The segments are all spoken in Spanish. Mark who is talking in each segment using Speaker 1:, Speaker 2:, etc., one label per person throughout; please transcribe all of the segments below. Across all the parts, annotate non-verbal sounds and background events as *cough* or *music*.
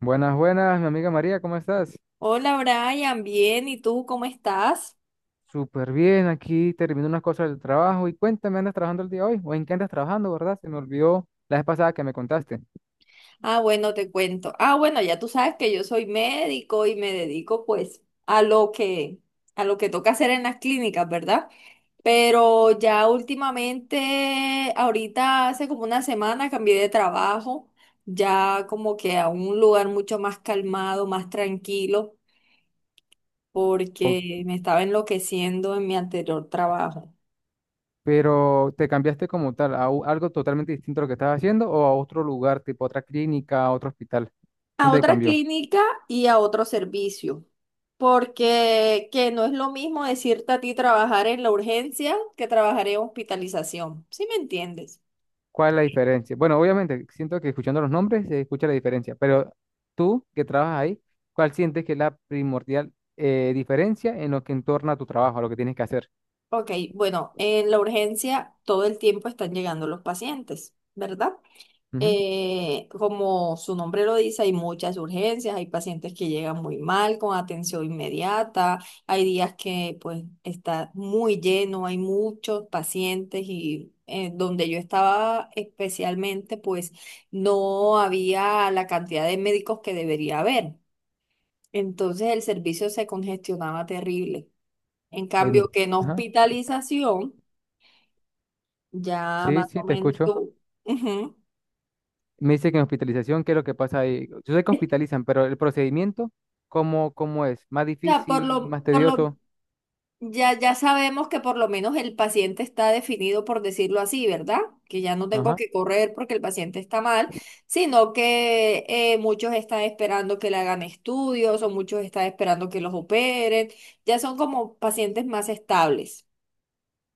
Speaker 1: Buenas, buenas, mi amiga María, ¿cómo estás?
Speaker 2: Hola Brian, bien, ¿y tú cómo estás?
Speaker 1: Súper bien, aquí termino unas cosas del trabajo y cuéntame, ¿andas trabajando el día de hoy? ¿O en qué andas trabajando, verdad? Se me olvidó la vez pasada que me contaste.
Speaker 2: Ah, bueno, te cuento. Ah, bueno, ya tú sabes que yo soy médico y me dedico pues a lo que a lo que toca hacer en las clínicas, ¿verdad? Pero ya últimamente, ahorita hace como una semana cambié de trabajo, ya como que a un lugar mucho más calmado, más tranquilo,
Speaker 1: O-
Speaker 2: porque me estaba enloqueciendo en mi anterior trabajo.
Speaker 1: pero te cambiaste como tal algo totalmente distinto a lo que estabas haciendo o a otro lugar, tipo otra clínica, otro hospital.
Speaker 2: A
Speaker 1: ¿Dónde te
Speaker 2: otra
Speaker 1: cambió?
Speaker 2: clínica y a otro servicio, porque que no es lo mismo decirte a ti trabajar en la urgencia que trabajar en hospitalización, ¿sí me entiendes?
Speaker 1: ¿Cuál es la diferencia? Bueno, obviamente, siento que escuchando los nombres se escucha la diferencia, pero tú que trabajas ahí, ¿cuál sientes que es la primordial diferencia en lo que entorna a tu trabajo, a lo que tienes que hacer?
Speaker 2: Ok, bueno, en la urgencia todo el tiempo están llegando los pacientes, ¿verdad?
Speaker 1: Ujú.
Speaker 2: Como su nombre lo dice, hay muchas urgencias, hay pacientes que llegan muy mal con atención inmediata, hay días que pues está muy lleno, hay muchos pacientes y donde yo estaba especialmente pues no había la cantidad de médicos que debería haber. Entonces el servicio se congestionaba terrible. En
Speaker 1: en-
Speaker 2: cambio, que en
Speaker 1: ajá.
Speaker 2: hospitalización, ya
Speaker 1: Sí,
Speaker 2: más o
Speaker 1: sí, te
Speaker 2: menos
Speaker 1: escucho.
Speaker 2: tú... Ujú.
Speaker 1: Me dice que en hospitalización, ¿qué es lo que pasa ahí? Yo sé que hospitalizan, pero el procedimiento, ¿cómo es? ¿Más
Speaker 2: O sea, por
Speaker 1: difícil,
Speaker 2: lo,
Speaker 1: más
Speaker 2: por lo,
Speaker 1: tedioso?
Speaker 2: ya, ya sabemos que por lo menos el paciente está definido, por decirlo así, ¿verdad? Que ya no tengo
Speaker 1: Ajá.
Speaker 2: que correr porque el paciente está mal, sino que muchos están esperando que le hagan estudios o muchos están esperando que los operen. Ya son como pacientes más estables.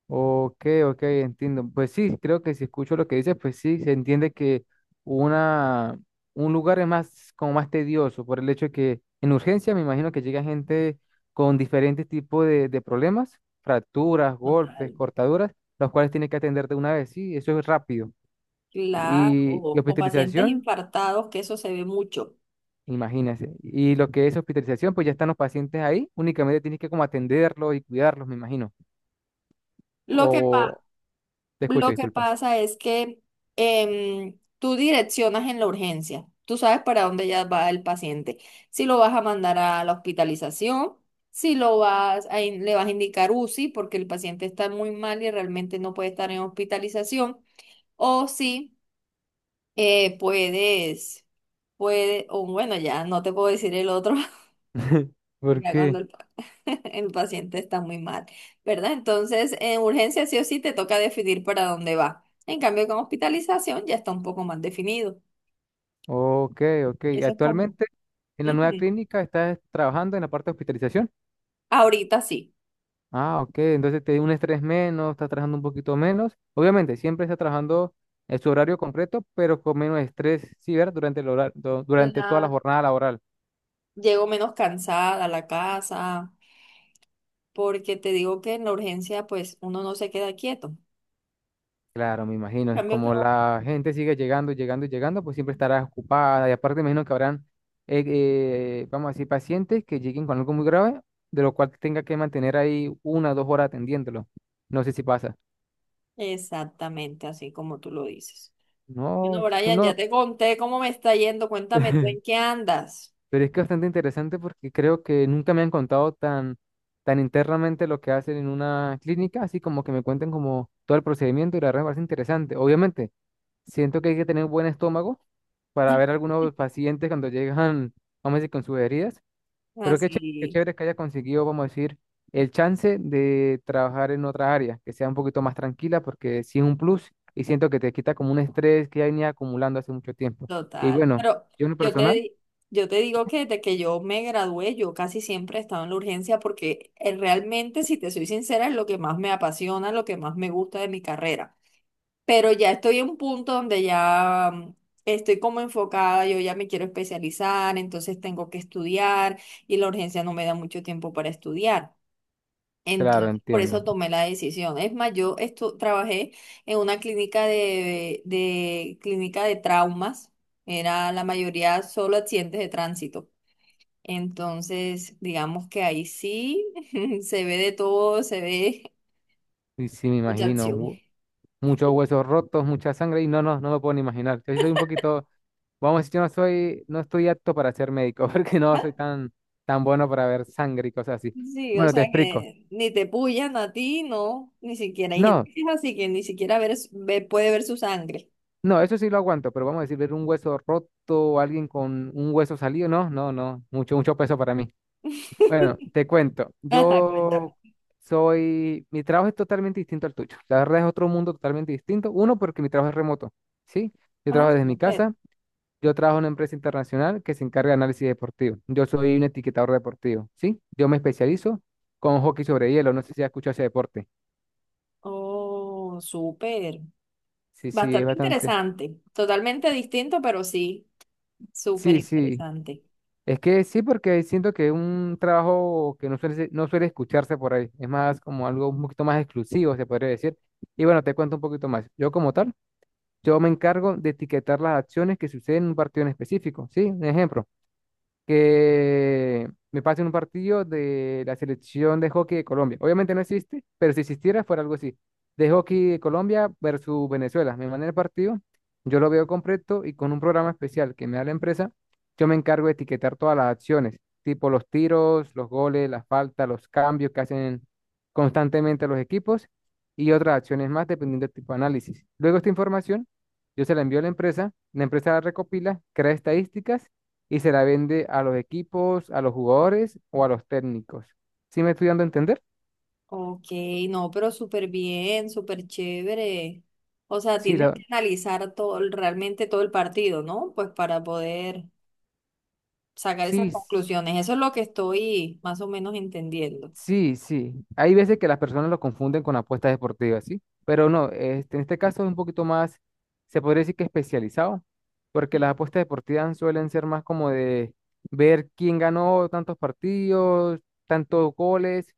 Speaker 1: Ok, ok, entiendo. Pues sí, creo que si escucho lo que dices, pues sí, se entiende que una, un lugar es más, como más tedioso, por el hecho de que en urgencia me imagino que llega gente con diferentes tipos de problemas, fracturas, golpes,
Speaker 2: Total.
Speaker 1: cortaduras, los cuales tiene que atender de una vez, sí, eso es rápido.
Speaker 2: Claro, o
Speaker 1: Y
Speaker 2: pacientes
Speaker 1: hospitalización.
Speaker 2: infartados, que eso se ve mucho.
Speaker 1: Imagínense. Y lo que es hospitalización, pues ya están los pacientes ahí, únicamente tienes que como atenderlos y cuidarlos, me imagino.
Speaker 2: Lo que
Speaker 1: O
Speaker 2: pasa
Speaker 1: Te escucho,
Speaker 2: Lo que
Speaker 1: disculpa.
Speaker 2: pasa es que tú direccionas en la urgencia. Tú sabes para dónde ya va el paciente. Si lo vas a mandar a la hospitalización, si lo vas a le vas a indicar UCI porque el paciente está muy mal y realmente no puede estar en hospitalización, o si eh, puedes, o bueno, ya no te puedo decir el otro.
Speaker 1: *laughs*
Speaker 2: *laughs*
Speaker 1: ¿Por
Speaker 2: Ya cuando
Speaker 1: qué?
Speaker 2: el paciente está muy mal, ¿verdad? Entonces, en urgencia sí o sí te toca definir para dónde va. En cambio, con hospitalización ya está un poco más definido.
Speaker 1: Ok, ok. Y
Speaker 2: Eso es como...
Speaker 1: actualmente en la nueva
Speaker 2: Ujú.
Speaker 1: clínica estás trabajando en la parte de hospitalización.
Speaker 2: Ahorita sí.
Speaker 1: Ah, ok. Entonces te da un estrés menos, estás trabajando un poquito menos. Obviamente, siempre estás trabajando en su horario completo, pero con menos estrés, sí, ¿verdad? Durante el durante toda la
Speaker 2: La...
Speaker 1: jornada laboral.
Speaker 2: Llego menos cansada a la casa, porque te digo que en la urgencia, pues uno no se queda quieto.
Speaker 1: Claro, me
Speaker 2: En
Speaker 1: imagino.
Speaker 2: cambio, que
Speaker 1: Como
Speaker 2: no.
Speaker 1: la gente sigue llegando, llegando y llegando, pues siempre estará ocupada. Y aparte, me imagino que habrán, vamos a decir, pacientes que lleguen con algo muy grave, de lo cual tenga que mantener ahí una o dos horas atendiéndolo. No sé si pasa.
Speaker 2: Exactamente, así como tú lo dices.
Speaker 1: No,
Speaker 2: Bueno,
Speaker 1: eso
Speaker 2: Brian,
Speaker 1: no.
Speaker 2: ya te conté cómo me está yendo. Cuéntame tú en qué
Speaker 1: *laughs*
Speaker 2: andas.
Speaker 1: Pero es que es bastante interesante porque creo que nunca me han contado tan, tan internamente lo que hacen en una clínica, así como que me cuenten como todo el procedimiento y la verdad me parece interesante. Obviamente. Siento que hay que tener buen estómago para ver algunos
Speaker 2: *laughs*
Speaker 1: pacientes cuando llegan, vamos a decir, con sus heridas. Pero qué
Speaker 2: Así.
Speaker 1: chévere que haya conseguido, vamos a decir, el chance de trabajar en otra área, que sea un poquito más tranquila, porque sí es un plus y siento que te quita como un estrés que ya venía acumulando hace mucho tiempo. Y
Speaker 2: Total,
Speaker 1: bueno,
Speaker 2: pero
Speaker 1: yo en lo
Speaker 2: yo te,
Speaker 1: personal,
Speaker 2: di- yo te digo que desde que yo me gradué, yo casi siempre he estado en la urgencia porque realmente, si te soy sincera, es lo que más me apasiona, lo que más me gusta de mi carrera. Pero ya estoy en un punto donde estoy como enfocada, yo ya me quiero especializar, entonces tengo que estudiar y la urgencia no me da mucho tiempo para estudiar.
Speaker 1: claro,
Speaker 2: Entonces, por eso
Speaker 1: entiendo.
Speaker 2: tomé la decisión. Es más, trabajé en una clínica de clínica de traumas. Era la mayoría solo accidentes de tránsito. Entonces, digamos que ahí sí *laughs* se ve de todo, se ve
Speaker 1: Y sí, me
Speaker 2: mucha
Speaker 1: imagino,
Speaker 2: acción.
Speaker 1: muchos huesos rotos, mucha sangre y no, no, no me puedo ni imaginar. Yo sí soy un poquito. Vamos, a decir, yo no soy, no estoy apto para ser médico, *laughs* porque no
Speaker 2: Ah.
Speaker 1: soy tan, tan bueno para ver sangre y cosas así.
Speaker 2: Sí, o
Speaker 1: Bueno, te
Speaker 2: sea
Speaker 1: explico.
Speaker 2: que ni te pullan a ti, no, ni siquiera hay gente
Speaker 1: No,
Speaker 2: que es así que ni siquiera puede ver su sangre.
Speaker 1: no, eso sí lo aguanto, pero vamos a decir, ver un hueso roto o alguien con un hueso salido, no, no, no, mucho, mucho peso para mí.
Speaker 2: *laughs*
Speaker 1: Bueno, te cuento,
Speaker 2: Ajá, cuéntame.
Speaker 1: mi trabajo es totalmente distinto al tuyo. La verdad es otro mundo totalmente distinto. Uno, porque mi trabajo es remoto, ¿sí? Yo
Speaker 2: Ah,
Speaker 1: trabajo desde mi
Speaker 2: súper.
Speaker 1: casa. Yo trabajo en una empresa internacional que se encarga de análisis deportivo. Yo soy un etiquetador deportivo, ¿sí? Yo me especializo con hockey sobre hielo. No sé si has escuchado ese deporte.
Speaker 2: Oh, súper.
Speaker 1: Sí, sí, es
Speaker 2: Bastante
Speaker 1: bastante.
Speaker 2: interesante, totalmente distinto, pero sí, súper
Speaker 1: Sí, sí.
Speaker 2: interesante.
Speaker 1: Es que sí, porque siento que es un trabajo que no suele escucharse por ahí. Es más como algo un poquito más exclusivo, se podría decir. Y bueno, te cuento un poquito más. Yo como tal, yo me encargo de etiquetar las acciones que suceden en un partido en específico, ¿sí? Un ejemplo: que me pasen un partido de la selección de hockey de Colombia. Obviamente no existe, pero si existiera fuera algo así. De hockey de Colombia versus Venezuela. Me mandan el partido, yo lo veo completo y con un programa especial que me da la empresa, yo me encargo de etiquetar todas las acciones, tipo los tiros, los goles, las faltas, los cambios que hacen constantemente los equipos y otras acciones más dependiendo del tipo de análisis. Luego esta información, yo se la envío a la empresa, la empresa la recopila, crea estadísticas y se la vende a los equipos, a los jugadores o a los técnicos. ¿Sí me estoy dando a entender?
Speaker 2: Ok, no, pero súper bien, súper chévere. O sea,
Speaker 1: Sí,
Speaker 2: tienes
Speaker 1: la-
Speaker 2: que analizar todo, realmente todo el partido, ¿no? Pues para poder sacar
Speaker 1: sí,
Speaker 2: esas
Speaker 1: s-
Speaker 2: conclusiones. Eso es lo que estoy más o menos entendiendo.
Speaker 1: sí, sí. Hay veces que las personas lo confunden con apuestas deportivas, ¿sí? Pero no, este, en este caso es un poquito más, se podría decir que especializado, porque las apuestas deportivas suelen ser más como de ver quién ganó tantos partidos, tantos goles,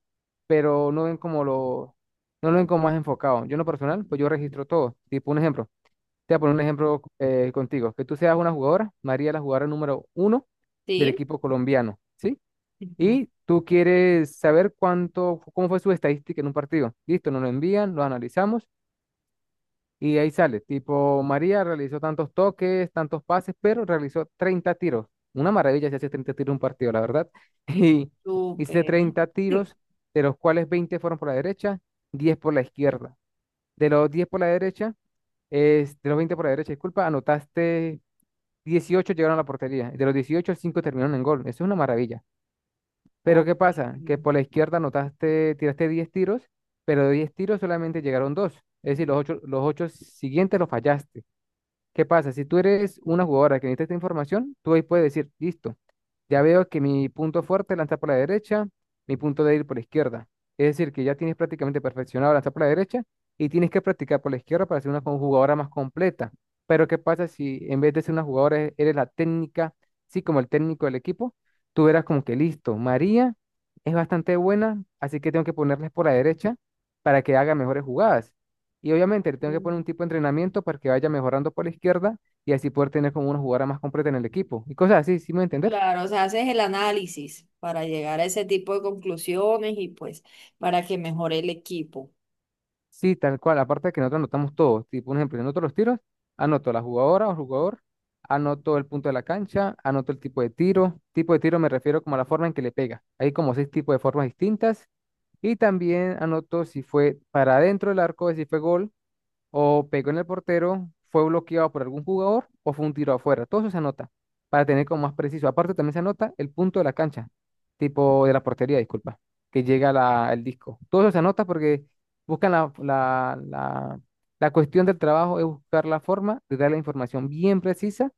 Speaker 1: pero no lo ven como más enfocado. Yo en lo personal, pues yo registro todo. Tipo, un ejemplo. Te voy a poner un ejemplo contigo. Que tú seas una jugadora, María la jugadora número 1 del
Speaker 2: ¿Sí?
Speaker 1: equipo colombiano, ¿sí?
Speaker 2: Ujú.
Speaker 1: Y tú quieres saber cuánto, cómo fue su estadística en un partido. Listo, nos lo envían, lo analizamos y ahí sale. Tipo, María realizó tantos toques, tantos pases, pero realizó 30 tiros. Una maravilla si hace 30 tiros en un partido, la verdad. *laughs* Y hice
Speaker 2: Súper.
Speaker 1: treinta
Speaker 2: *laughs* Sí.
Speaker 1: tiros, de los cuales 20 fueron por la derecha, 10 por la izquierda. De los 10 por la derecha, de los 20 por la derecha, disculpa, anotaste. 18 llegaron a la portería. De los 18, 5 terminaron en gol. Eso es una maravilla. Pero
Speaker 2: Ok.
Speaker 1: ¿qué pasa? Que por la izquierda anotaste, tiraste 10 tiros, pero de 10 tiros solamente llegaron 2. Es decir, los ocho siguientes los fallaste. ¿Qué pasa? Si tú eres una jugadora que necesita esta información, tú ahí puedes decir, listo, ya veo que mi punto fuerte es lanzar por la derecha, mi punto débil por la izquierda. Es decir, que ya tienes prácticamente perfeccionado lanzar por la derecha y tienes que practicar por la izquierda para ser una jugadora más completa. Pero ¿qué pasa si en vez de ser una jugadora eres la técnica, sí, como el técnico del equipo, tú verás como que listo, María es bastante buena, así que tengo que ponerles por la derecha para que haga mejores jugadas. Y obviamente le tengo que poner
Speaker 2: Mm.
Speaker 1: un tipo de entrenamiento para que vaya mejorando por la izquierda y así poder tener como una jugada más completa en el equipo. Y cosas así, ¿sí me voy a entender?
Speaker 2: Claro, o sea, haces el análisis para llegar a ese tipo de conclusiones y pues para que mejore el equipo.
Speaker 1: Sí, tal cual. Aparte de que nosotros anotamos todo. Tipo, un ejemplo, yo anoto los tiros, anoto la jugadora o jugador, anoto el punto de la cancha, anoto el tipo de tiro. Tipo de tiro me refiero como a la forma en que le pega. Hay como seis tipos de formas distintas. Y también anoto si fue para adentro del arco, si fue gol o pegó en el portero, fue bloqueado por algún jugador o fue un tiro afuera. Todo eso se anota para tener como más preciso. Aparte también se anota el punto de la cancha, tipo de la portería, disculpa, que llega el disco. Todo eso se anota porque buscan la, la, la, la cuestión del trabajo es buscar la forma de dar la información bien precisa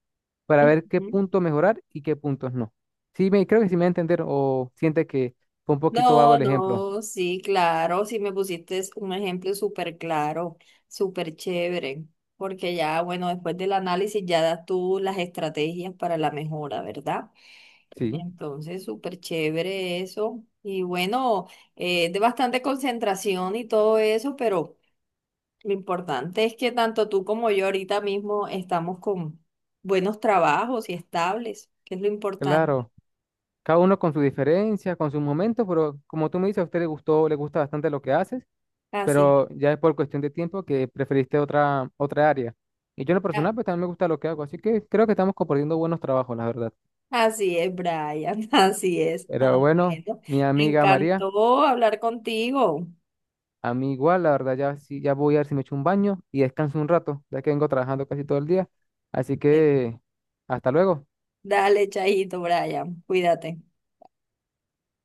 Speaker 1: para ver qué
Speaker 2: Ujú.
Speaker 1: punto mejorar y qué puntos no. Sí, me, creo que sí me va a entender o siente que fue un poquito vago
Speaker 2: No,
Speaker 1: el ejemplo.
Speaker 2: no, sí, claro, sí me pusiste un ejemplo súper claro, súper chévere, porque ya, bueno, después del análisis ya das tú las estrategias para la mejora, ¿verdad?
Speaker 1: Sí,
Speaker 2: Entonces, súper chévere eso. Y bueno, de bastante concentración y todo eso, pero lo importante es que tanto tú como yo ahorita mismo estamos con buenos trabajos y estables, que es lo importante.
Speaker 1: claro. Cada uno con su diferencia con sus momentos, pero como tú me dices, a usted le gustó, le gusta bastante lo que haces,
Speaker 2: Así.
Speaker 1: pero ya es por cuestión de tiempo que preferiste otra área. Y yo en lo personal, pues también me gusta lo que hago, así que creo que estamos compartiendo buenos trabajos, la verdad.
Speaker 2: Así es, Brian, *laughs* así es. Ah,
Speaker 1: Pero bueno,
Speaker 2: bueno,
Speaker 1: mi
Speaker 2: me
Speaker 1: amiga María,
Speaker 2: encantó hablar contigo.
Speaker 1: a mí igual, la verdad, ya, sí, ya voy a ver si me echo un baño y descanso un rato, ya que vengo trabajando casi todo el día. Así que hasta luego.
Speaker 2: Dale, chajito, Brian, cuídate.